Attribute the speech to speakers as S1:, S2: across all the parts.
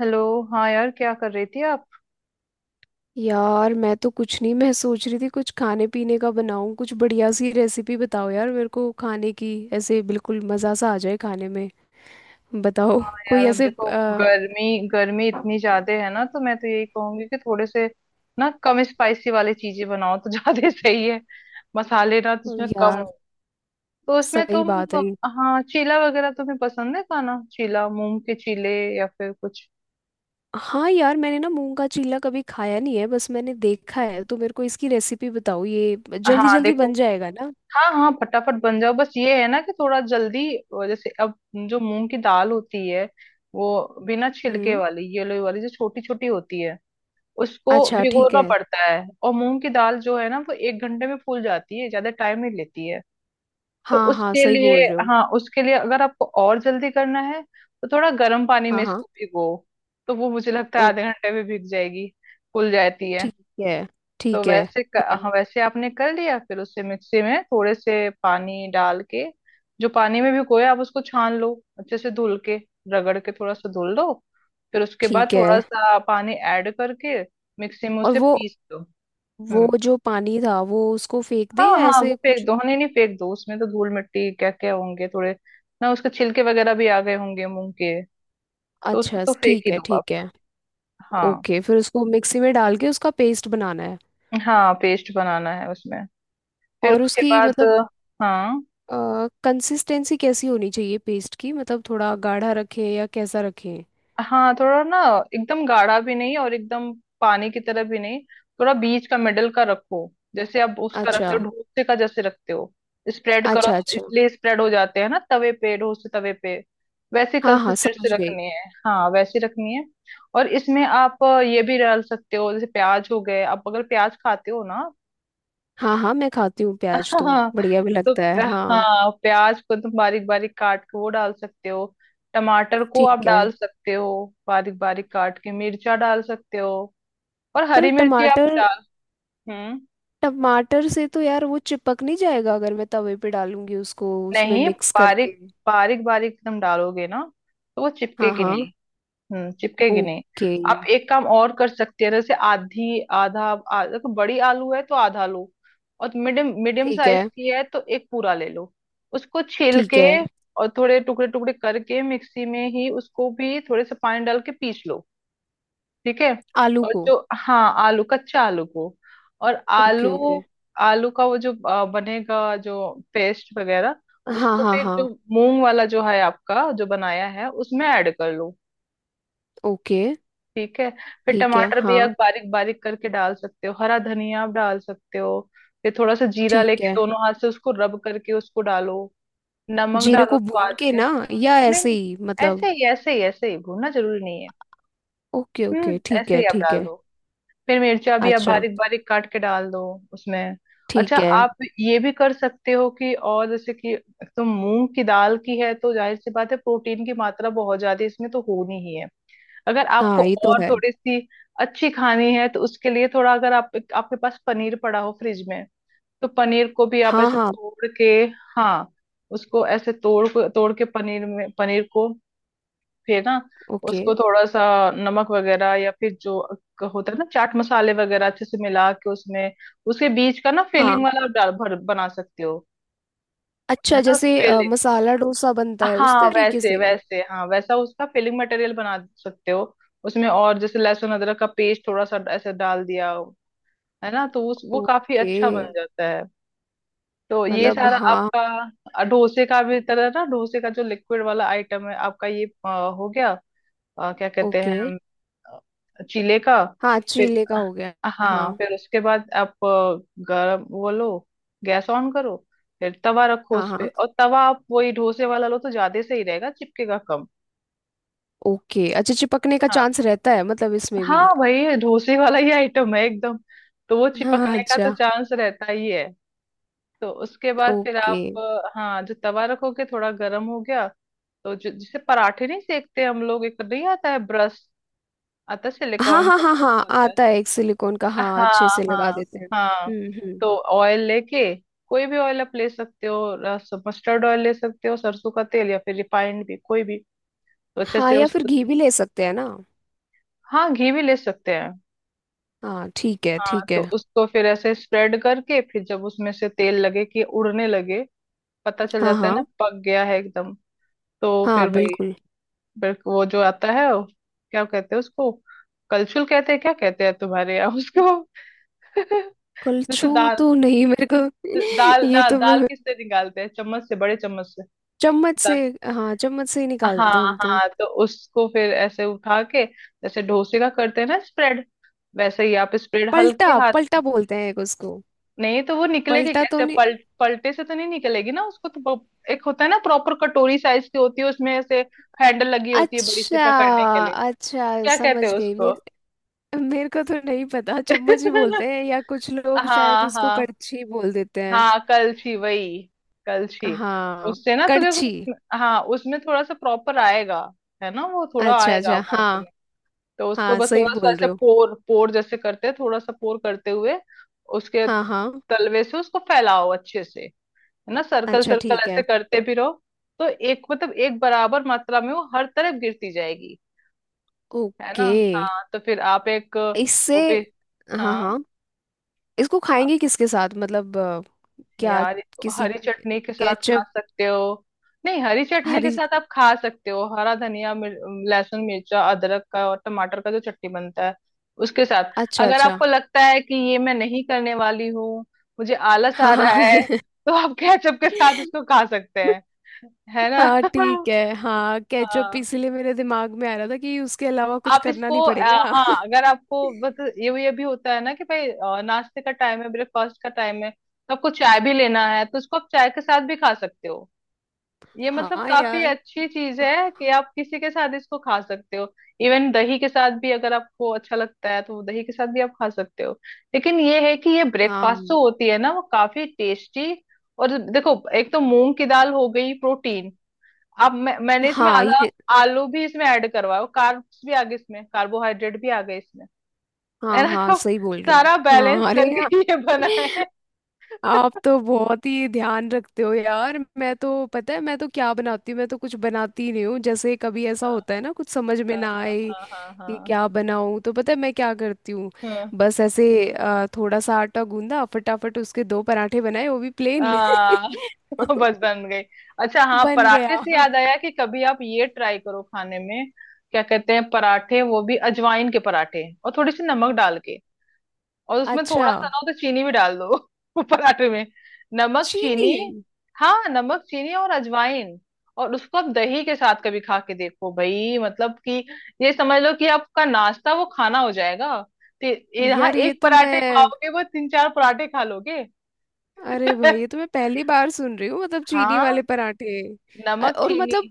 S1: Hello. हाँ यार, क्या कर रही थी आप।
S2: यार मैं तो कुछ नहीं, मैं सोच रही थी कुछ खाने पीने का बनाऊं। कुछ बढ़िया सी रेसिपी बताओ यार मेरे को खाने की। ऐसे बिल्कुल मज़ा सा आ जाए खाने में। बताओ। कोई
S1: यार आप
S2: ऐसे
S1: देखो, गर्मी गर्मी इतनी ज्यादा है ना, तो मैं तो यही कहूंगी कि थोड़े से ना कम स्पाइसी वाली चीजें बनाओ तो ज्यादा सही है। मसाले ना तो उसमें कम
S2: यार,
S1: हो, तो उसमें
S2: सही
S1: तुम।
S2: बात है।
S1: हाँ चीला वगैरह तुम्हें पसंद है खाना, चीला मूंग के चीले या फिर कुछ।
S2: हाँ यार, मैंने ना मूंग का चीला कभी खाया नहीं है, बस मैंने देखा है, तो मेरे को इसकी रेसिपी बताओ। ये जल्दी
S1: हाँ
S2: जल्दी
S1: देखो,
S2: बन जाएगा ना?
S1: हाँ हाँ फटाफट बन जाओ। बस ये है ना कि थोड़ा जल्दी, जैसे अब जो मूंग की दाल होती है, वो बिना छिलके
S2: हम्म।
S1: वाली येलो वाली जो छोटी छोटी होती है, उसको
S2: अच्छा, ठीक
S1: भिगोना
S2: है।
S1: पड़ता है। और मूंग की दाल जो है ना, वो 1 घंटे में फूल जाती है, ज्यादा टाइम नहीं लेती है। तो
S2: हाँ हाँ,
S1: उसके
S2: सही
S1: लिए,
S2: बोल रहे हो।
S1: हाँ उसके लिए अगर आपको और जल्दी करना है तो थोड़ा गर्म पानी में
S2: हाँ हाँ।
S1: इसको भिगो, तो वो मुझे लगता है
S2: ओ।
S1: आधे घंटे में भीग जाएगी, फूल जाती है।
S2: ठीक है।
S1: तो
S2: ठीक है।
S1: वैसे
S2: ये
S1: हाँ
S2: मत-
S1: वैसे आपने कर लिया, फिर उसे मिक्सी में थोड़े से पानी डाल के, जो पानी में भिगोए आप उसको छान लो, अच्छे से धुल के रगड़ के थोड़ा सा धुल लो। फिर उसके बाद
S2: ठीक है।
S1: थोड़ा सा पानी ऐड करके मिक्सी में
S2: और
S1: उसे
S2: वो
S1: पीस दो।
S2: वो
S1: हम्म।
S2: जो पानी था, वो उसको फेंक
S1: हाँ
S2: दे या
S1: हाँ वो
S2: ऐसे
S1: फेंक
S2: कुछ?
S1: दो। हाँ, नहीं नहीं फेंक दो, उसमें तो धूल मिट्टी क्या क्या होंगे, थोड़े ना उसके छिलके वगैरह भी आ गए होंगे मूंग के। तो उसको
S2: अच्छा,
S1: तो फेंक
S2: ठीक
S1: ही
S2: है।
S1: दो
S2: ठीक
S1: आप।
S2: है।
S1: हाँ,
S2: ओके, फिर उसको मिक्सी में डाल के उसका पेस्ट बनाना है।
S1: हाँ पेस्ट बनाना है उसमें। फिर
S2: और
S1: उसके
S2: उसकी
S1: बाद,
S2: मतलब
S1: हाँ,
S2: कंसिस्टेंसी कैसी होनी चाहिए पेस्ट की? मतलब थोड़ा गाढ़ा रखें या कैसा रखें?
S1: हाँ थोड़ा ना एकदम गाढ़ा भी नहीं और एकदम पानी की तरह भी नहीं, थोड़ा बीच का मिडल का रखो। जैसे आप उसका रखते
S2: अच्छा।
S1: हो, अच्छा डोसे का जैसे रखते हो, स्प्रेड करो।
S2: अच्छा अच्छा।
S1: इसलिए स्प्रेड हो जाते हैं ना तवे पे, डोसे तवे पे वैसे
S2: हाँ हाँ,
S1: कंसिस्टेंसी
S2: समझ गई।
S1: रखनी है, हाँ वैसे रखनी है। और इसमें आप ये भी डाल सकते हो, जैसे प्याज हो गए, आप अगर प्याज खाते हो ना।
S2: हाँ हाँ, मैं खाती हूँ प्याज, तो
S1: हाँ
S2: बढ़िया भी
S1: तो,
S2: लगता है। हाँ।
S1: हाँ प्याज को तुम बारीक बारीक काट के वो डाल सकते हो, टमाटर को आप
S2: ठीक है।
S1: डाल सकते हो बारीक बारीक काट के, मिर्चा डाल सकते हो, और
S2: पर ये
S1: हरी मिर्ची आप
S2: टमाटर
S1: डाल। हम्म।
S2: टमाटर से तो यार वो चिपक नहीं जाएगा, अगर मैं तवे पे डालूंगी उसको, उसमें
S1: नहीं,
S2: मिक्स
S1: बारीक,
S2: करके?
S1: बारीक बारीक तुम डालोगे ना तो वो
S2: हाँ
S1: चिपकेगी
S2: हाँ।
S1: नहीं। चिपकेगी नहीं।
S2: ओके।
S1: आप एक काम और कर सकते हैं, जैसे आधी आधा देखो, बड़ी आलू है तो आधा लो, और मीडियम मीडियम
S2: ठीक है।
S1: साइज की है तो एक पूरा ले लो, उसको छील
S2: ठीक
S1: के,
S2: है।
S1: और थोड़े टुकड़े टुकड़े करके मिक्सी में ही उसको भी थोड़े से पानी डाल के पीस लो। ठीक है,
S2: आलू
S1: और
S2: को?
S1: जो, हाँ आलू, कच्चा आलू को, और
S2: ओके
S1: आलू,
S2: ओके।
S1: आलू का वो जो बनेगा जो पेस्ट वगैरह,
S2: हाँ
S1: उसको
S2: हाँ
S1: भी
S2: हाँ।
S1: जो मूंग वाला जो है आपका, जो बनाया है, उसमें ऐड कर लो।
S2: ओके।
S1: ठीक है। फिर
S2: ठीक है
S1: टमाटर भी आप
S2: हाँ।
S1: बारीक बारीक करके डाल सकते हो, हरा धनिया आप डाल सकते हो। फिर थोड़ा सा जीरा
S2: ठीक
S1: लेके
S2: है।
S1: दोनों हाथ से उसको रब करके उसको डालो, नमक
S2: जीरे
S1: डालो
S2: को भून
S1: स्वाद
S2: के
S1: के।
S2: ना, या
S1: नहीं
S2: ऐसे
S1: नहीं,
S2: ही मतलब?
S1: ऐसे ही ऐसे ही ऐसे ही, भूनना जरूरी नहीं है।
S2: ओके ओके, ठीक
S1: ऐसे
S2: है
S1: ही आप
S2: ठीक
S1: डाल
S2: है।
S1: दो। फिर मिर्चा भी आप
S2: अच्छा।
S1: बारीक बारीक काट के डाल दो उसमें। अच्छा,
S2: ठीक है।
S1: आप ये भी कर सकते हो कि, और जैसे कि एक तो मूंग की दाल की है, तो जाहिर सी बात है प्रोटीन की मात्रा बहुत ज्यादा है, इसमें तो होनी ही है। अगर आपको
S2: हाँ, ये तो
S1: और
S2: है।
S1: थोड़ी सी अच्छी खानी है तो उसके लिए थोड़ा, अगर आप आपके पास पनीर पड़ा हो फ्रिज में, तो पनीर को भी आप
S2: हाँ
S1: ऐसे
S2: हाँ।
S1: तोड़ के, हाँ उसको ऐसे तोड़ को तोड़ के पनीर में, पनीर को फिर ना
S2: ओके।
S1: उसको थोड़ा सा नमक वगैरह या फिर जो होता है ना चाट मसाले वगैरह अच्छे से मिला के उसमें, उसके बीच का ना फिलिंग
S2: हाँ,
S1: वाला आप डाल भर बना सकते हो, है
S2: अच्छा,
S1: ना।
S2: जैसे मसाला डोसा बनता है उस
S1: हाँ
S2: तरीके
S1: वैसे
S2: से?
S1: वैसे, हाँ वैसा उसका फिलिंग मटेरियल बना सकते हो उसमें। और जैसे लहसुन अदरक का पेस्ट थोड़ा सा ऐसे डाल दिया है ना, तो उस वो काफी
S2: ओके।
S1: अच्छा बन जाता है। तो ये
S2: मतलब
S1: सारा
S2: हाँ।
S1: आपका डोसे का भी तरह ना, डोसे का जो लिक्विड वाला आइटम है आपका, ये हो गया, क्या कहते
S2: ओके।
S1: हैं, चीले का।
S2: हाँ,
S1: फिर,
S2: चीले का हो गया। हाँ
S1: हाँ फिर उसके बाद आप गरम वो लो, गैस ऑन करो, फिर तवा रखो
S2: हाँ
S1: उस पे,
S2: हाँ।
S1: और तवा आप वही डोसे वाला लो तो ज्यादा सही रहेगा, चिपकेगा कम।
S2: ओके। अच्छा, चिपकने का
S1: हाँ,
S2: चांस रहता है मतलब इसमें
S1: हाँ
S2: भी?
S1: वही डोसे वाला ही आइटम है एकदम, तो वो
S2: हाँ
S1: चिपकने का तो
S2: अच्छा।
S1: चांस रहता ही है। तो उसके बाद फिर
S2: ओके।
S1: आप, हाँ जो तवा रखोगे थोड़ा गर्म हो गया, तो जो जिसे पराठे नहीं सेकते हम लोग, एक नहीं आता है ब्रश, आता है
S2: हाँ
S1: सिलिकॉन
S2: हाँ
S1: का
S2: हाँ
S1: ब्रश
S2: हाँ,
S1: आता है।
S2: आता है एक सिलिकॉन का। हाँ, अच्छे
S1: हाँ
S2: से
S1: हाँ
S2: लगा देते हैं।
S1: हाँ।
S2: हम्म।
S1: तो ऑयल लेके, कोई भी ऑयल आप ले सकते हो, मस्टर्ड ऑयल ले सकते हो, सरसों का तेल, या फिर रिफाइंड भी, कोई भी, तो अच्छे
S2: हाँ,
S1: से
S2: या फिर
S1: उसको,
S2: घी भी ले सकते हैं ना?
S1: हाँ घी भी ले सकते हैं,
S2: हाँ ठीक है,
S1: हाँ
S2: ठीक
S1: तो
S2: है।
S1: उसको फिर ऐसे स्प्रेड करके, फिर जब उसमें से तेल लगे कि उड़ने लगे, पता चल
S2: हाँ
S1: जाता है ना
S2: हाँ।
S1: पक गया है एकदम। तो
S2: हाँ
S1: फिर वही,
S2: बिल्कुल।
S1: फिर वो जो आता है क्या कहते हैं उसको, कलछुल कहते हैं, क्या कहते हैं तुम्हारे यहाँ उसको। जैसे
S2: कलछू
S1: दाल,
S2: तो नहीं मेरे
S1: दाल
S2: को। ये
S1: दाल
S2: तो
S1: दाल
S2: मैं।
S1: किससे निकालते हैं, चम्मच से, बड़े चम्मच से
S2: चम्मच से।
S1: दाल।
S2: हाँ, चम्मच से ही निकालते हैं
S1: हाँ
S2: हम तो।
S1: हाँ, तो उसको फिर ऐसे उठा के, जैसे डोसे का करते हैं ना स्प्रेड, वैसे ही आप स्प्रेड
S2: पलटा।
S1: हल्के हाथ।
S2: पलटा बोलते हैं एक उसको।
S1: नहीं तो वो निकलेगी
S2: पलटा तो
S1: कैसे,
S2: नहीं।
S1: पलटे से तो नहीं निकलेगी ना उसको, तो एक होता है ना प्रॉपर, कटोरी साइज की होती है, उसमें ऐसे हैंडल लगी होती है बड़ी सी
S2: अच्छा
S1: पकड़ने के लिए।
S2: अच्छा,
S1: क्या कहते
S2: समझ
S1: हैं
S2: गई।
S1: उसको।
S2: मेरे मेरे को तो नहीं पता, चम्मच ही बोलते हैं, या कुछ लोग शायद
S1: हाँ
S2: उसको
S1: हाँ
S2: कड़छी बोल देते हैं।
S1: हाँ, कलछी वही, कलछी।
S2: हाँ,
S1: उससे ना तो क्या
S2: कड़छी।
S1: उसमें, हाँ उसमें थोड़ा सा प्रॉपर आएगा, है ना, वो थोड़ा
S2: अच्छा
S1: आएगा
S2: अच्छा
S1: अमाउंट
S2: हाँ।
S1: में। तो उसको
S2: हाँ,
S1: बस
S2: सही
S1: थोड़ा सा
S2: बोल
S1: ऐसे
S2: रहे हो।
S1: पोर पोर जैसे करते हैं, थोड़ा सा पोर करते हुए उसके
S2: हाँ हाँ।
S1: तलवे से उसको फैलाओ अच्छे से, है ना। सर्कल
S2: अच्छा,
S1: सर्कल
S2: ठीक
S1: ऐसे
S2: है।
S1: करते भी रहो, तो एक मतलब एक बराबर मात्रा में वो हर तरफ गिरती जाएगी, है ना।
S2: ओके।
S1: हाँ तो फिर आप एक,
S2: इससे।
S1: वो भी,
S2: हाँ
S1: हाँ।
S2: हाँ। इसको
S1: आप,
S2: खाएंगे किसके साथ मतलब क्या?
S1: यार इसको
S2: किसी।
S1: हरी चटनी के साथ खा
S2: केचप?
S1: सकते हो। नहीं, हरी चटनी के
S2: हरी।
S1: साथ आप खा सकते हो, हरा धनिया लहसुन मिर्चा अदरक का और टमाटर का जो चटनी बनता है, उसके साथ।
S2: अच्छा
S1: अगर
S2: अच्छा।
S1: आपको लगता है कि ये मैं नहीं करने वाली हूँ, मुझे आलस
S2: हाँ
S1: आ रहा
S2: हाँ।
S1: है, तो आप केचप के साथ उसको खा सकते हैं, है ना।
S2: हाँ ठीक है। हाँ, केचप
S1: हाँ
S2: इसीलिए मेरे दिमाग में आ रहा था, कि उसके अलावा कुछ
S1: आप
S2: करना
S1: इसको
S2: नहीं पड़ेगा।
S1: हाँ अगर आपको बस ये भी होता है ना कि भाई, नाश्ते का टाइम है, ब्रेकफास्ट का टाइम है, तो आपको चाय भी लेना है, तो इसको आप चाय के साथ भी खा सकते हो। ये
S2: हाँ
S1: मतलब काफी
S2: यार।
S1: अच्छी चीज है कि आप किसी के साथ इसको खा सकते हो। इवन दही के साथ भी अगर आपको अच्छा लगता है तो दही के साथ भी आप खा सकते हो। लेकिन ये है कि ये ब्रेकफास्ट
S2: हाँ
S1: जो होती है ना वो काफी टेस्टी। और देखो एक तो मूंग की दाल हो गई प्रोटीन, अब मैंने इसमें
S2: हाँ
S1: आधा
S2: ये।
S1: आलू भी इसमें ऐड करवाया, कार्ब्स भी आ गए इसमें, कार्बोहाइड्रेट भी आ गए इसमें, है
S2: हाँ
S1: ना।
S2: हाँ,
S1: तो
S2: सही बोल रहे हो।
S1: सारा बैलेंस
S2: हाँ अरे
S1: करके
S2: यार,
S1: ये बना है।
S2: आप तो बहुत ही ध्यान रखते हो यार। मैं तो पता है मैं तो क्या बनाती हूँ, मैं तो कुछ बनाती ही नहीं हूँ। जैसे कभी ऐसा होता है
S1: हाँ
S2: ना कुछ समझ में ना
S1: हाँ
S2: आए
S1: हाँ हाँ
S2: कि
S1: हाँ।
S2: क्या बनाऊँ, तो पता है मैं क्या करती हूँ?
S1: हम्म,
S2: बस ऐसे थोड़ा सा आटा गूंदा, फटाफट उसके दो पराठे बनाए, वो भी
S1: आ,
S2: प्लेन।
S1: बस बन गई। अच्छा हाँ,
S2: बन
S1: पराठे
S2: गया।
S1: से याद आया कि कभी आप ये ट्राई करो खाने में, क्या कहते हैं पराठे, वो भी अजवाइन के पराठे, और थोड़ी सी नमक डाल के, और उसमें
S2: अच्छा।
S1: थोड़ा सा ना हो तो चीनी भी डाल दो। पराठे में नमक चीनी।
S2: चीनी।
S1: हाँ नमक चीनी और अजवाइन, और उसको आप दही के साथ कभी खा के देखो भाई, मतलब कि ये समझ लो कि आपका नाश्ता वो खाना हो जाएगा। तो यहाँ
S2: यार ये
S1: एक
S2: तो मैं।
S1: पराठे खाओगे, वो तीन चार पराठे खा लोगे।
S2: अरे भाई, ये तो मैं पहली बार सुन रही हूँ, मतलब चीनी
S1: हाँ
S2: वाले पराठे।
S1: नमक
S2: और
S1: चीनी
S2: मतलब,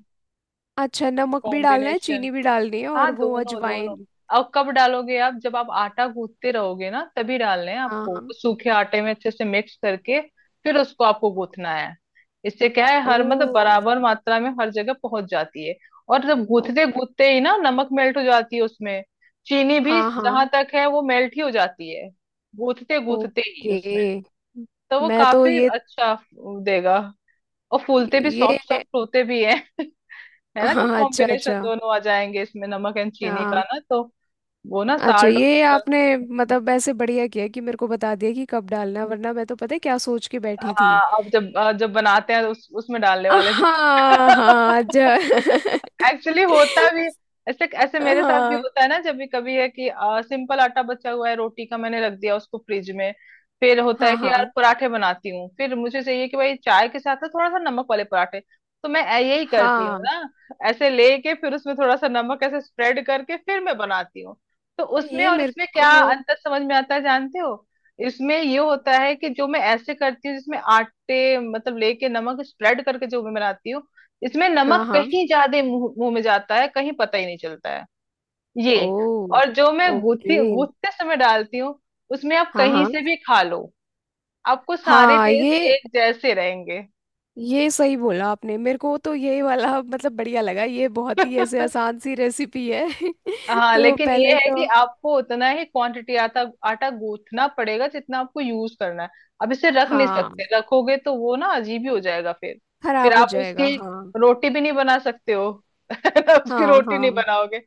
S2: अच्छा, नमक भी डालना है,
S1: कॉम्बिनेशन,
S2: चीनी भी डालनी है
S1: हाँ
S2: और वो
S1: दोनों दोनों।
S2: अजवाइन?
S1: अब कब डालोगे आप, जब आप आटा गूंथते रहोगे ना तभी डालने हैं
S2: हाँ
S1: आपको,
S2: हाँ।
S1: वो सूखे आटे में अच्छे से मिक्स करके, फिर उसको आपको गूंथना है। इससे क्या है,
S2: ओ,
S1: हर मतलब बराबर मात्रा में हर जगह पहुंच जाती है। और जब
S2: ओ।
S1: गूंथते गूंथते ही ना, नमक मेल्ट हो जाती है उसमें, चीनी भी
S2: हाँ हाँ।
S1: जहां तक है वो मेल्ट ही हो जाती है, गूंथते गूंथते ही
S2: ओके।
S1: उसमें, तो वो
S2: मैं तो
S1: काफी
S2: ये।
S1: अच्छा देगा। और फूलते भी
S2: ये।
S1: सॉफ्ट सॉफ्ट होते भी है। है ना, जब
S2: हाँ अच्छा
S1: कॉम्बिनेशन
S2: अच्छा।
S1: दोनों आ जाएंगे इसमें, नमक एंड चीनी
S2: हाँ,
S1: का ना, तो वो ना
S2: अच्छा,
S1: साल्ट और
S2: ये
S1: शुगर।
S2: आपने मतलब ऐसे बढ़िया किया कि मेरे को बता दिया कि कब डालना है, वरना मैं तो पता है क्या सोच के बैठी थी।
S1: हाँ अब जब जब बनाते हैं, तो उसमें डालने वाले थे।
S2: हाँ। हाँ अच्छा।
S1: एक्चुअली होता भी ऐसे, ऐसे मेरे साथ भी
S2: हाँ
S1: होता है ना, जब भी कभी है कि सिंपल आटा बचा हुआ है रोटी का, मैंने रख दिया उसको फ्रिज में, फिर होता है
S2: हाँ
S1: कि यार
S2: हाँ
S1: पराठे बनाती हूँ, फिर मुझे चाहिए कि भाई चाय के साथ ना थोड़ा सा नमक वाले पराठे, तो मैं यही करती हूँ
S2: हाँ।
S1: ना, ऐसे लेके फिर उसमें थोड़ा सा नमक ऐसे स्प्रेड करके फिर मैं बनाती हूँ। तो उसमें
S2: ये
S1: और
S2: मेरे
S1: इसमें
S2: को।
S1: क्या अंतर समझ में आता है जानते हो, इसमें ये होता है कि जो मैं ऐसे करती हूँ जिसमें आटे मतलब लेके नमक स्प्रेड करके जो मैं बनाती हूँ, इसमें
S2: हाँ
S1: नमक
S2: हाँ।
S1: कहीं ज्यादा मुंह मुंह में जाता है, कहीं पता ही नहीं चलता है
S2: ओ।
S1: ये। और जो मैं
S2: ओके।
S1: गूथी गूथते समय डालती हूँ, उसमें आप
S2: हाँ
S1: कहीं
S2: हाँ
S1: से भी खा लो, आपको सारे
S2: हाँ।
S1: टेस्ट
S2: ये।
S1: एक जैसे रहेंगे।
S2: ये सही बोला आपने। मेरे को तो ये वाला मतलब बढ़िया लगा, ये बहुत ही ऐसे आसान सी रेसिपी है।
S1: हाँ
S2: तो
S1: लेकिन ये
S2: पहले
S1: है कि
S2: तो।
S1: आपको उतना ही क्वांटिटी आटा आटा गूंथना पड़ेगा जितना आपको यूज करना है। अब इसे रख नहीं
S2: हाँ,
S1: सकते, रखोगे तो वो ना अजीब ही हो जाएगा फिर
S2: खराब हो
S1: आप
S2: जाएगा
S1: उसकी
S2: हाँ।
S1: रोटी भी नहीं बना सकते हो। ना, उसकी
S2: हाँ
S1: रोटी नहीं
S2: हाँ,
S1: बनाओगे,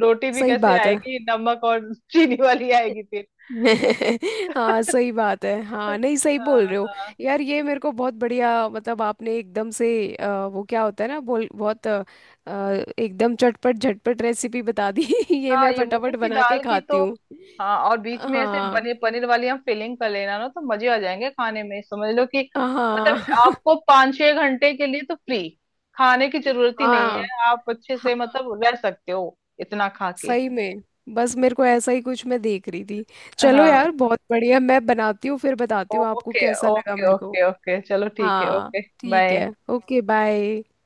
S1: रोटी भी
S2: सही
S1: कैसे
S2: बात है।
S1: आएगी, नमक और चीनी वाली आएगी फिर।
S2: हाँ सही बात है हाँ, नहीं सही बोल
S1: हाँ
S2: रहे हो।
S1: हाँ
S2: यार, ये मेरे को बहुत बढ़िया, मतलब आपने एकदम से वो क्या होता है ना, बोल बहुत अ, एकदम चटपट झटपट रेसिपी बता दी। ये
S1: हाँ,
S2: मैं
S1: ये मूंग
S2: फटाफट
S1: की
S2: बना के
S1: दाल की
S2: खाती
S1: तो,
S2: हूँ।
S1: हाँ। और बीच में ऐसे
S2: हाँ
S1: पनीर, पनीर वाली हम फिलिंग कर लेना ना, तो मजे आ जाएंगे खाने में, समझ लो कि मतलब
S2: हाँ।
S1: आपको 5 6 घंटे के लिए तो फ्री, खाने की जरूरत ही नहीं है,
S2: हाँ
S1: आप अच्छे
S2: हाँ,
S1: से मतलब रह सकते हो इतना खा के।
S2: सही में। बस मेरे को ऐसा ही कुछ मैं देख रही थी। चलो
S1: हाँ
S2: यार, बहुत बढ़िया। मैं बनाती हूँ, फिर बताती हूँ आपको
S1: ओके
S2: कैसा लगा
S1: ओके
S2: मेरे को।
S1: ओके ओके, चलो ठीक है
S2: हाँ
S1: ओके,
S2: ठीक
S1: बाय।
S2: है। Okay, bye.